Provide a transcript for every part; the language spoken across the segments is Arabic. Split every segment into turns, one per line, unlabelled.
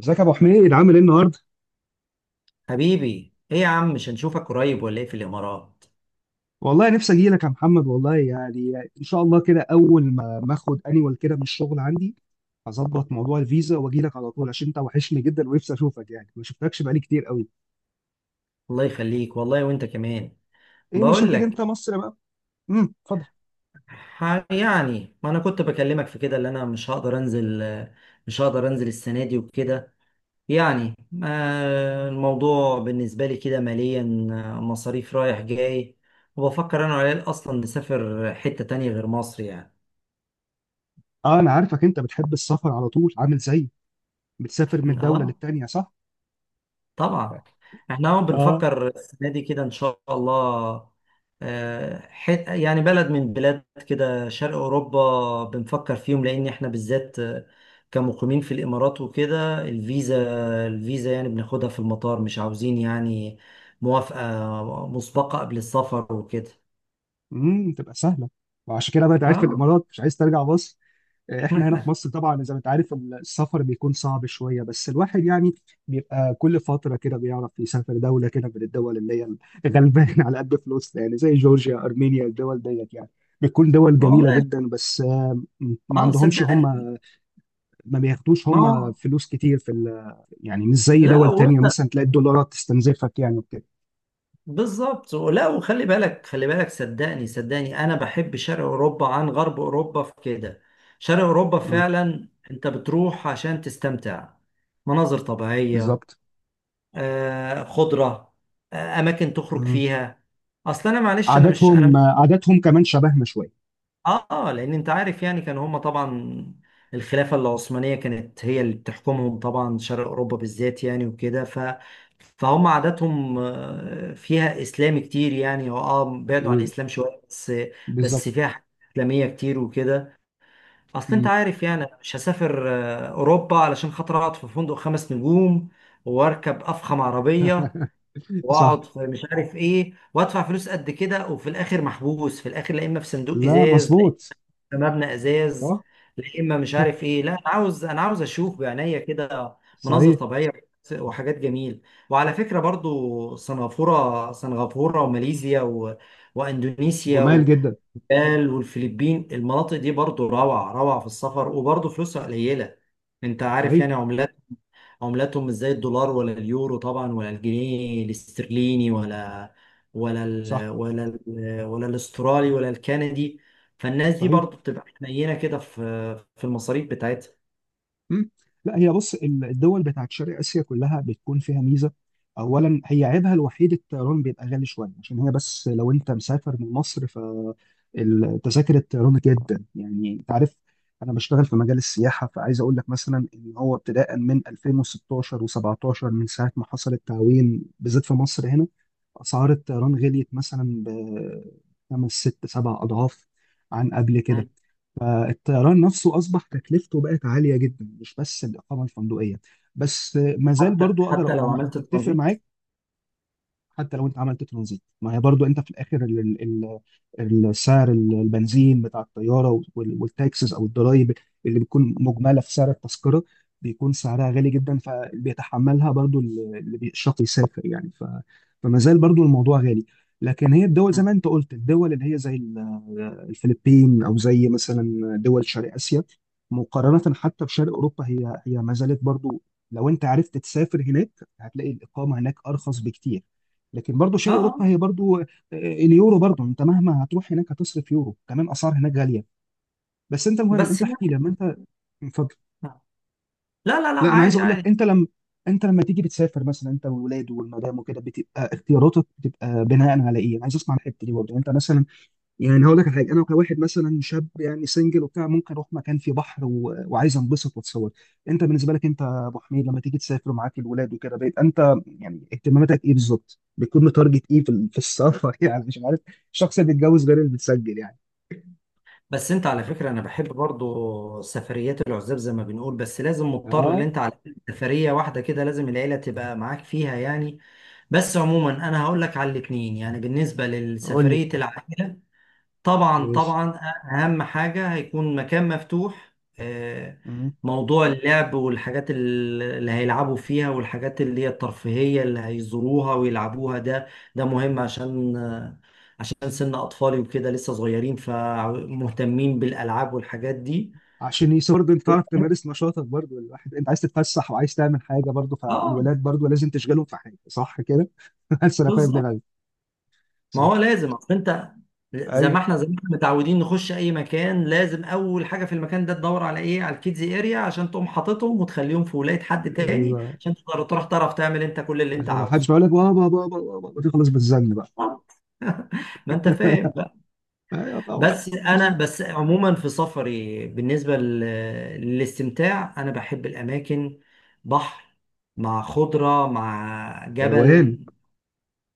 ازيك يا ابو حميد عامل ايه النهارده؟
حبيبي، ايه يا عم؟ مش هنشوفك قريب ولا ايه في الامارات؟
والله نفسي اجي لك يا محمد، والله يعني ان شاء الله كده اول ما اخد انيوال كده من الشغل عندي. هظبط موضوع الفيزا واجي لك على طول عشان انت وحشني جدا ونفسي اشوفك، يعني ما شفتكش بقالي كتير قوي.
الله يخليك والله وانت كمان.
ايه مش
بقول
هتيجي انت
لك.
مصر بقى؟ اتفضل.
يعني ما انا كنت بكلمك في كده اللي انا مش هقدر انزل. مش هقدر انزل السنه دي وكده، يعني. الموضوع بالنسبه لي كده ماليا. مصاريف رايح جاي. وبفكر انا وعيال اصلا نسافر حته تانية غير مصر يعني.
اه انا عارفك انت بتحب السفر على طول عامل زيي، بتسافر من دوله
اه
للتانيه صح؟
طبعا. احنا اهو
اه.
بنفكر السنه دي كده ان شاء الله. آه، حت يعني بلد من بلاد كده شرق اوروبا بنفكر فيهم لان احنا بالذات، كمقيمين في الامارات وكده. الفيزا، الفيزا يعني بناخدها في المطار، مش عاوزين يعني موافقه مسبقه قبل السفر وكده.
تبقى سهله. وعشان كده بقى انت قاعد في
اه.
الامارات مش عايز ترجع مصر. احنا هنا في مصر طبعا زي ما انت عارف السفر بيكون صعب شويه، بس الواحد يعني بيبقى كل فتره كده بيعرف يسافر دوله كده من الدول اللي هي غلبان على قد فلوسنا، يعني زي جورجيا ارمينيا، الدول ديت يعني بتكون دول جميله
والله.
جدا، بس ما
اه
عندهمش هم.
صدقني.
ما بياخدوش
ما
هم
هو.
فلوس كتير في يعني مش زي
لا،
دول تانية
وانت
مثلا تلاقي الدولارات تستنزفك يعني وكده.
بالظبط. ولا، وخلي بالك خلي بالك، صدقني صدقني، انا بحب شرق اوروبا عن غرب اوروبا في كده. شرق اوروبا
مم،
فعلا انت بتروح عشان تستمتع، مناظر طبيعية،
بالظبط.
خضرة، اماكن تخرج
مم.
فيها. اصل انا، معلش، انا مش انا.
عاداتهم عاداتهم كمان شبهنا شويه.
لان انت عارف يعني كان هما طبعا الخلافه العثمانيه كانت هي اللي بتحكمهم، طبعا شرق اوروبا بالذات يعني وكده، ف فهم عاداتهم، فيها اسلام كتير، يعني هو بعدوا عن
ب-
الاسلام شويه بس.
بالظبط.
بس فيها حاجات اسلاميه كتير وكده. اصل انت
مم.
عارف يعني أنا مش هسافر اوروبا علشان خاطر اقعد في فندق خمس نجوم واركب افخم عربيه واقعد
صح.
في مش عارف ايه وادفع فلوس قد كده وفي الاخر محبوس، في الاخر لا اما في صندوق
لا
ازاز،
مظبوط.
مبنى ازاز.
صح.
لا اما مش عارف ايه. لا، انا عاوز، اشوف بعينيا كده مناظر
صحيح.
طبيعيه وحاجات جميل. وعلى فكره برضو سنغافوره سنغافوره وماليزيا واندونيسيا
جمال جدا.
والفلبين. المناطق دي برضو روعه روعه في السفر، وبرضو فلوسها قليله. انت عارف
صحيح.
يعني عملات، عملاتهم مش زي الدولار ولا اليورو طبعا ولا الجنيه الاسترليني، ولا ولا
صح.
ال ولا ال ولا الاسترالي ولا الكندي. فالناس دي
صحيح.
برضو بتبقى حنينه كده في المصاريف بتاعتها.
مم. لا هي بص، الدول بتاعت شرق اسيا كلها بتكون فيها ميزه. اولا هي عيبها الوحيد الطيران بيبقى غالي شويه عشان هي، بس لو انت مسافر من مصر ف تذاكر الطيران جدا، يعني انت عارف، انا بشتغل في مجال السياحه، فعايز اقول لك مثلا ان هو ابتداء من 2016 و17 من ساعه ما حصل التعويم بالذات في مصر هنا اسعار الطيران غليت مثلا بخمس ست سبع اضعاف عن قبل كده.
مم.
فالطيران نفسه اصبح تكلفته بقت عاليه جدا مش بس الاقامه الفندقيه، بس ما زال
حتى
برضو اقدر
حتى
اقول
لو
انا
عملت
اتفق
ترانزيت.
معاك. حتى لو انت عملت ترانزيت ما هي برضو انت في الاخر السعر البنزين بتاع الطياره والتاكسز او الضرايب اللي بتكون مجمله في سعر التذكره بيكون سعرها غالي جدا، فاللي بيتحملها برضو اللي بيشرط يسافر يعني فما زال برضو الموضوع غالي. لكن هي الدول زي
مم.
ما انت قلت، الدول اللي هي زي الفلبين او زي مثلا دول شرق اسيا، مقارنه حتى بشرق اوروبا، هي هي ما زالت برضو لو انت عرفت تسافر هناك هتلاقي الاقامه هناك ارخص بكتير. لكن برضو
اه
شرق
آه.
اوروبا هي برضو اليورو برضه، انت مهما هتروح هناك هتصرف يورو، كمان اسعار هناك غاليه. بس انت المهم،
بس
انت احكي
يعني.
لما انت. اتفضل.
لا لا لا،
لا انا عايز
عادي
اقول لك،
عادي.
انت لما تيجي بتسافر مثلا انت والولاد والمدام وكده، بتبقى اختياراتك بتبقى بناء على ايه؟ انا عايز اسمع الحته دي برضه انت مثلا، يعني هقول لك على حاجه، انا كواحد مثلا شاب يعني سنجل وبتاع ممكن اروح مكان فيه بحر وعايز انبسط واتصور. انت بالنسبه لك انت يا ابو حميد لما تيجي تسافر ومعاك الولاد وكده بقيت انت، يعني اهتماماتك ايه بالظبط بتكون متارجت ايه في في السفر؟ يعني مش عارف، الشخص اللي بيتجوز غير اللي بتسجل يعني.
بس انت على فكره، انا بحب برضو سفريات العزاب زي ما بنقول، بس لازم مضطر ان
اه
انت على سفريه واحده كده لازم العيله تبقى معاك فيها يعني. بس عموما انا هقول لك على الاثنين، يعني بالنسبه
قول لي.
لسفريه العائله طبعا
ماشي.
طبعا اهم حاجه هيكون مكان مفتوح. آه،
مم.
موضوع اللعب والحاجات اللي هيلعبوا فيها والحاجات اللي هي الترفيهيه اللي هيزوروها ويلعبوها، ده ده مهم، عشان سن اطفالي وكده لسه صغيرين فمهتمين بالالعاب والحاجات دي.
عشان برضه انت تعرف تمارس نشاطك، برضه الواحد انت عايز تتفسح وعايز تعمل حاجه، برضه
اه
فالولاد برضه لازم تشغلهم في حاجه، صح كده. بس انا فاهم
بالظبط.
دماغك.
ما
صح.
هو لازم، اصل انت، زي ما احنا متعودين نخش اي مكان لازم اول حاجه في المكان ده تدور على ايه، على الكيدز اريا عشان تقوم حاططهم وتخليهم في ولايه حد تاني
ايوه
عشان تقدر تروح تعرف تعمل انت كل اللي انت
عشان ما حدش
عاوزه.
يقول لك بابا بابا بابا تخلص بالزن بقى.
ما انت فاهم بقى.
ايوه طبعا.
بس انا عموما في سفري بالنسبه للاستمتاع انا بحب الاماكن. بحر مع خضره مع
روقان.
جبل،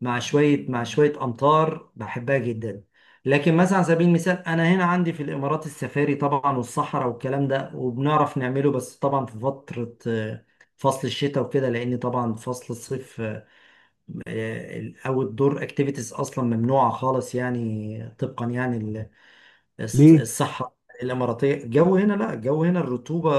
مع شوية أمطار، بحبها جدا. لكن مثلا على سبيل المثال أنا هنا عندي في الإمارات السفاري طبعا والصحراء والكلام ده وبنعرف نعمله، بس طبعا في فترة فصل الشتاء وكده، لأن طبعا فصل الصيف أو الدور أكتيفيتيز أصلا ممنوعة خالص يعني، طبقا يعني
ليه.
الصحراء الاماراتيه. الجو هنا، لا، الجو هنا الرطوبه.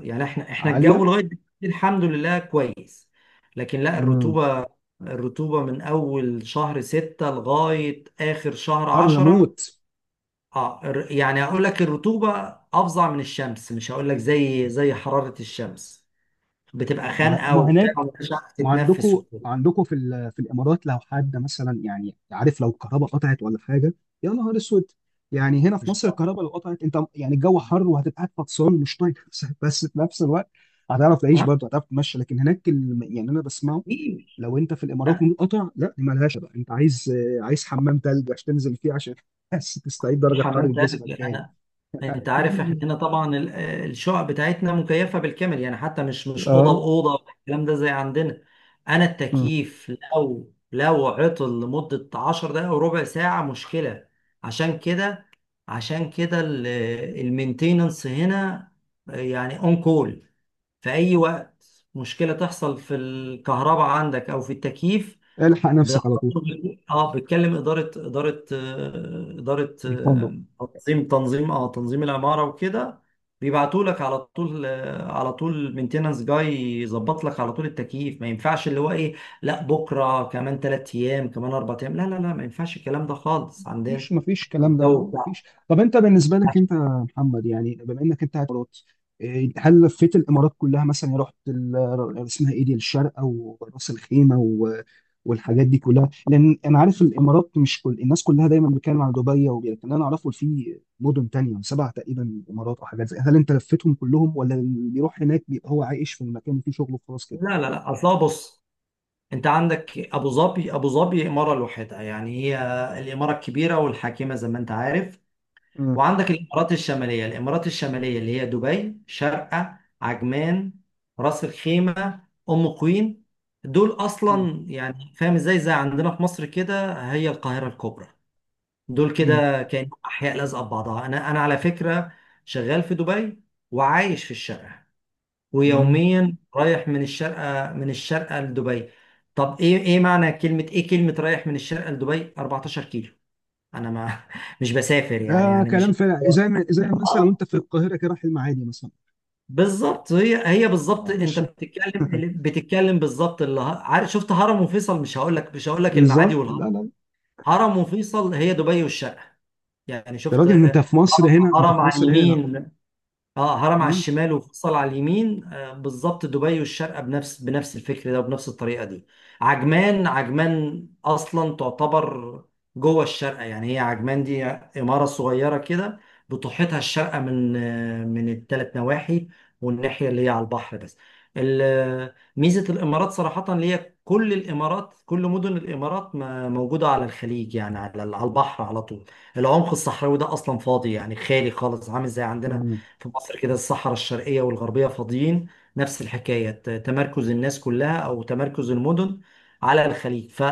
يعني احنا الجو
عاليه.
لغايه دلوقتي الحمد لله كويس، لكن لا،
امم.
الرطوبه. الرطوبه من اول شهر ستة لغايه اخر شهر
حر
عشرة.
موت.
اه، يعني اقول لك الرطوبه افظع من الشمس، مش هقول لك زي حراره الشمس. بتبقى
ما
خانقه
ما
وبتاع
هناك،
ومش عارف
ما
تتنفس
عندكم
وكده.
عندكم في في الامارات لو حد مثلا يعني عارف لو الكهرباء قطعت ولا حاجه يا نهار اسود. يعني هنا في
مش.
مصر الكهرباء لو قطعت انت يعني الجو حر وهتبقى قاعد فطسان مش طايق نفسك، بس في نفس الوقت هتعرف تعيش
ها؟
برضه، هتعرف تمشي، لكن هناك يعني انا بسمعه،
إيه؟
لو انت في الامارات
أنا
منقطع لا دي مالهاش بقى. انت عايز حمام تلج عشان تنزل فيه عشان بس تستعيد
مش
درجه حراره
حمام
جسمك
تلج،
تاني.
انا انت عارف، احنا هنا طبعا الشقق بتاعتنا مكيفه بالكامل، يعني حتى مش اوضه
اه.
واوضه الكلام ده زي عندنا. انا
مم.
التكييف لو عطل لمده 10 دقائق وربع ساعه مشكله. عشان كده عشان كده المينتيننس هنا يعني اون كول في اي وقت. مشكله تحصل في الكهرباء عندك او في التكييف.
الحق
بت-
نفسك على طول.
اه بتكلم اداره اداره آه، اداره
الفندق.
آه، تنظيم العماره وكده. بيبعتوا لك على طول، مينتيننس جاي يظبط لك على طول التكييف. ما ينفعش اللي هو ايه، لا بكره، كمان 3 ايام، كمان 4 ايام. لا لا لا، ما ينفعش الكلام ده خالص عندنا.
مفيش كلام ده،
الجو بتاع.
مفيش. طب انت بالنسبه لك انت يا محمد، يعني بما انك انت قاعد في الامارات، إيه، هل لفيت الامارات كلها مثلا؟ يعني رحت اسمها ايه دي الشارقه وراس الخيمه والحاجات دي كلها، لان انا عارف الامارات مش كل الناس كلها دايما بتتكلم عن دبي لكن انا اعرفه في مدن تانية سبع تقريبا امارات او حاجات زي، هل انت لفيتهم كلهم ولا اللي بيروح هناك بيبقى هو عايش في المكان وفيه شغله وخلاص كده؟
لا لا لا، اصلا بص، انت عندك ابو ظبي، ابو ظبي اماره لوحدها يعني، هي الاماره الكبيره والحاكمه زي ما انت عارف.
مم.
وعندك الامارات الشماليه، الامارات الشماليه اللي هي دبي، شارقه، عجمان، راس الخيمه، ام قوين. دول
مم.
اصلا يعني فاهم ازاي، زي عندنا في مصر كده هي القاهره الكبرى. دول
مم.
كده كانوا احياء لازقه ببعضها. انا على فكره شغال في دبي وعايش في الشارقه،
مم.
ويوميا رايح من الشارقه لدبي. طب ايه، معنى كلمه، ايه كلمه رايح من الشارقه لدبي؟ 14 كيلو، انا ما مش بسافر يعني،
ده
مش.
كلام فعلا، زي ما زي مثلا وانت في القاهره كده رايح المعادي مثلا.
بالظبط، هي هي
اه
بالظبط. انت
مش
بتتكلم بالظبط اللي عارف، شفت هرم وفيصل؟ مش هقول لك، المعادي
بالظبط، لا
والهرم،
لا.
هرم وفيصل هي دبي والشرق يعني.
يا
شفت
راجل انت في مصر
هرم،
هنا، انت في
على
مصر هنا، لا.
اليمين. اه، هرم على
امم
الشمال وفيصل على اليمين، بالظبط. دبي والشارقة بنفس الفكر ده وبنفس الطريقة دي. عجمان، عجمان اصلا تعتبر جوه الشارقة، يعني هي عجمان دي عمارة صغيرة كده بتحيطها الشارقة من الثلاث نواحي، والناحية اللي هي على البحر بس. ميزة الامارات صراحة اللي هي كل الامارات، كل مدن الامارات موجودة على الخليج، يعني على البحر على طول. العمق الصحراوي ده اصلا فاضي، يعني خالي خالص، عامل زي عندنا
امم
في مصر كده الصحراء الشرقية والغربية فاضيين. نفس الحكاية، تمركز الناس كلها أو تمركز المدن على الخليج.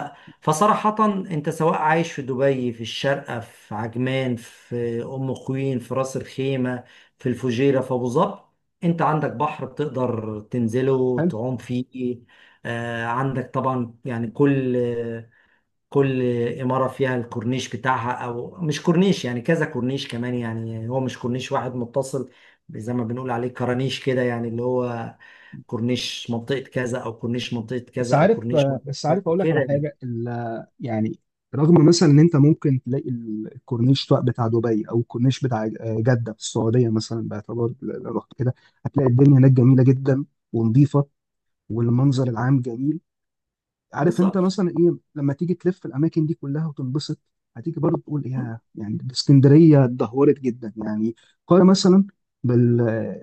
فصراحة أنت سواء عايش في دبي، في الشارقة، في عجمان، في أم خوين، في راس الخيمة، في الفجيرة، في أبو ظبي، أنت عندك بحر بتقدر تنزله
حلو.
تعوم فيه. عندك طبعا يعني كل إمارة فيها الكورنيش بتاعها، أو مش كورنيش يعني كذا كورنيش كمان، يعني هو مش كورنيش واحد متصل زي ما بنقول عليه كرانيش كده، يعني اللي هو كورنيش منطقة كذا أو كورنيش منطقة
بس
كذا أو
عارف
كورنيش منطقة كذا
اقول لك
كده
على
يعني.
حاجه يعني رغم مثلا ان انت ممكن تلاقي الكورنيش بقى بتاع دبي او الكورنيش بتاع جده في السعوديه مثلا، باعتبار لو رحت كده هتلاقي الدنيا هناك جميله جدا ونظيفه والمنظر العام جميل. عارف انت
بالظبط.
مثلا ايه لما تيجي تلف الاماكن دي كلها وتنبسط هتيجي برضه تقول
م-
ايه، يعني ده اسكندريه اتدهورت جدا يعني. قارن مثلا بال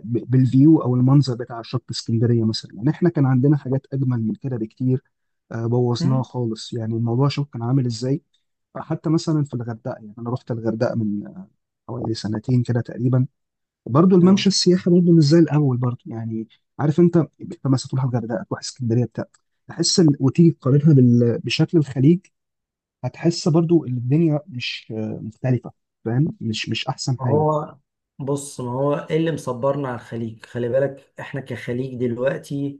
بالفيو او المنظر بتاع شط اسكندريه مثلا، يعني احنا كان عندنا حاجات اجمل من كده بكتير. بوظناها
م-
خالص، يعني الموضوع شوف كان عامل ازاي. حتى مثلا في الغردقه، يعني انا رحت الغردقه من حوالي سنتين كده تقريبا، برضه
آه.
الممشى السياحي برضه مش زي الاول برضه يعني. عارف انت، مثلا تروح الغردقه تروح اسكندريه بتاع، تحس وتيجي تقارنها بشكل الخليج، هتحس برضه ان الدنيا مش مختلفه. فاهم، مش احسن حاجه.
هو بص، ما هو إيه اللي مصبرنا على الخليج، خلي بالك. إحنا كخليج دلوقتي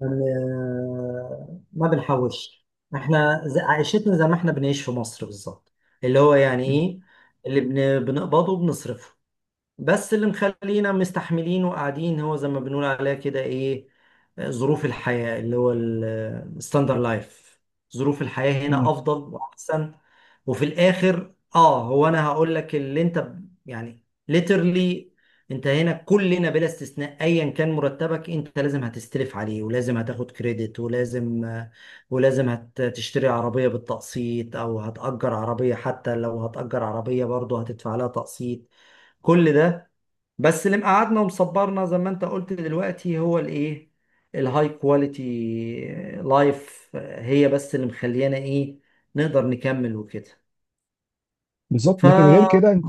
ما بنحوش. احنا عيشتنا زي ما احنا بنعيش في مصر بالظبط، اللي هو يعني
مم.
ايه، اللي بنقبضه بنصرفه. بس اللي مخلينا مستحملين وقاعدين هو زي ما بنقول عليها كده ايه، ظروف الحياة اللي هو الستاندر لايف. ظروف الحياة
مم.
هنا افضل واحسن. وفي الاخر هو، انا هقول لك اللي انت يعني ليترلي، انت هنا كلنا بلا استثناء ايا كان مرتبك، انت لازم هتستلف عليه ولازم هتاخد كريدت، ولازم هتشتري عربية بالتقسيط او هتأجر عربية، حتى لو هتأجر عربية برضه هتدفع لها تقسيط. كل ده بس اللي مقعدنا ومصبرنا زي ما انت قلت دلوقتي هو الايه، الهاي كواليتي لايف هي بس اللي مخليانا ايه نقدر نكمل وكده.
بالظبط.
ف
لكن غير كده انت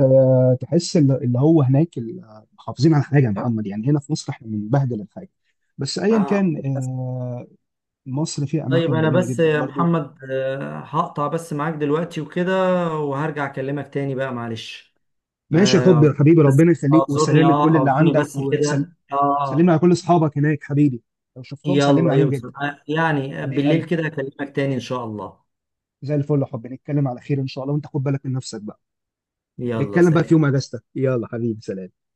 تحس اللي هو هناك محافظين على حاجه يا محمد، يعني هنا في مصر احنا بنبهدل الحاجه، بس ايا
آه،
كان
بس.
مصر فيها
طيب
اماكن
انا
جميله
بس
جدا
يا
برضه.
محمد، هقطع بس معاك دلوقتي وكده وهرجع اكلمك تاني بقى معلش.
ماشي يا حبي
آه،
يا حبيبي،
بس
ربنا يخليك،
اعذرني،
وسلام لكل اللي عندك
بس
وسلام.
كده.
سلمنا
اه
على كل اصحابك هناك حبيبي، لو شفتهم سلمنا
يلا
عليهم
يوصل،
جدا.
يعني
حبيب
بالليل
قلبي
كده اكلمك تاني ان شاء الله.
زي الفل يا حبيبي، نتكلم على خير ان شاء الله، وانت خد بالك من نفسك بقى.
يلا
نتكلم بقى في يوم
سلام.
اجازتك، يلا حبيبي، سلام.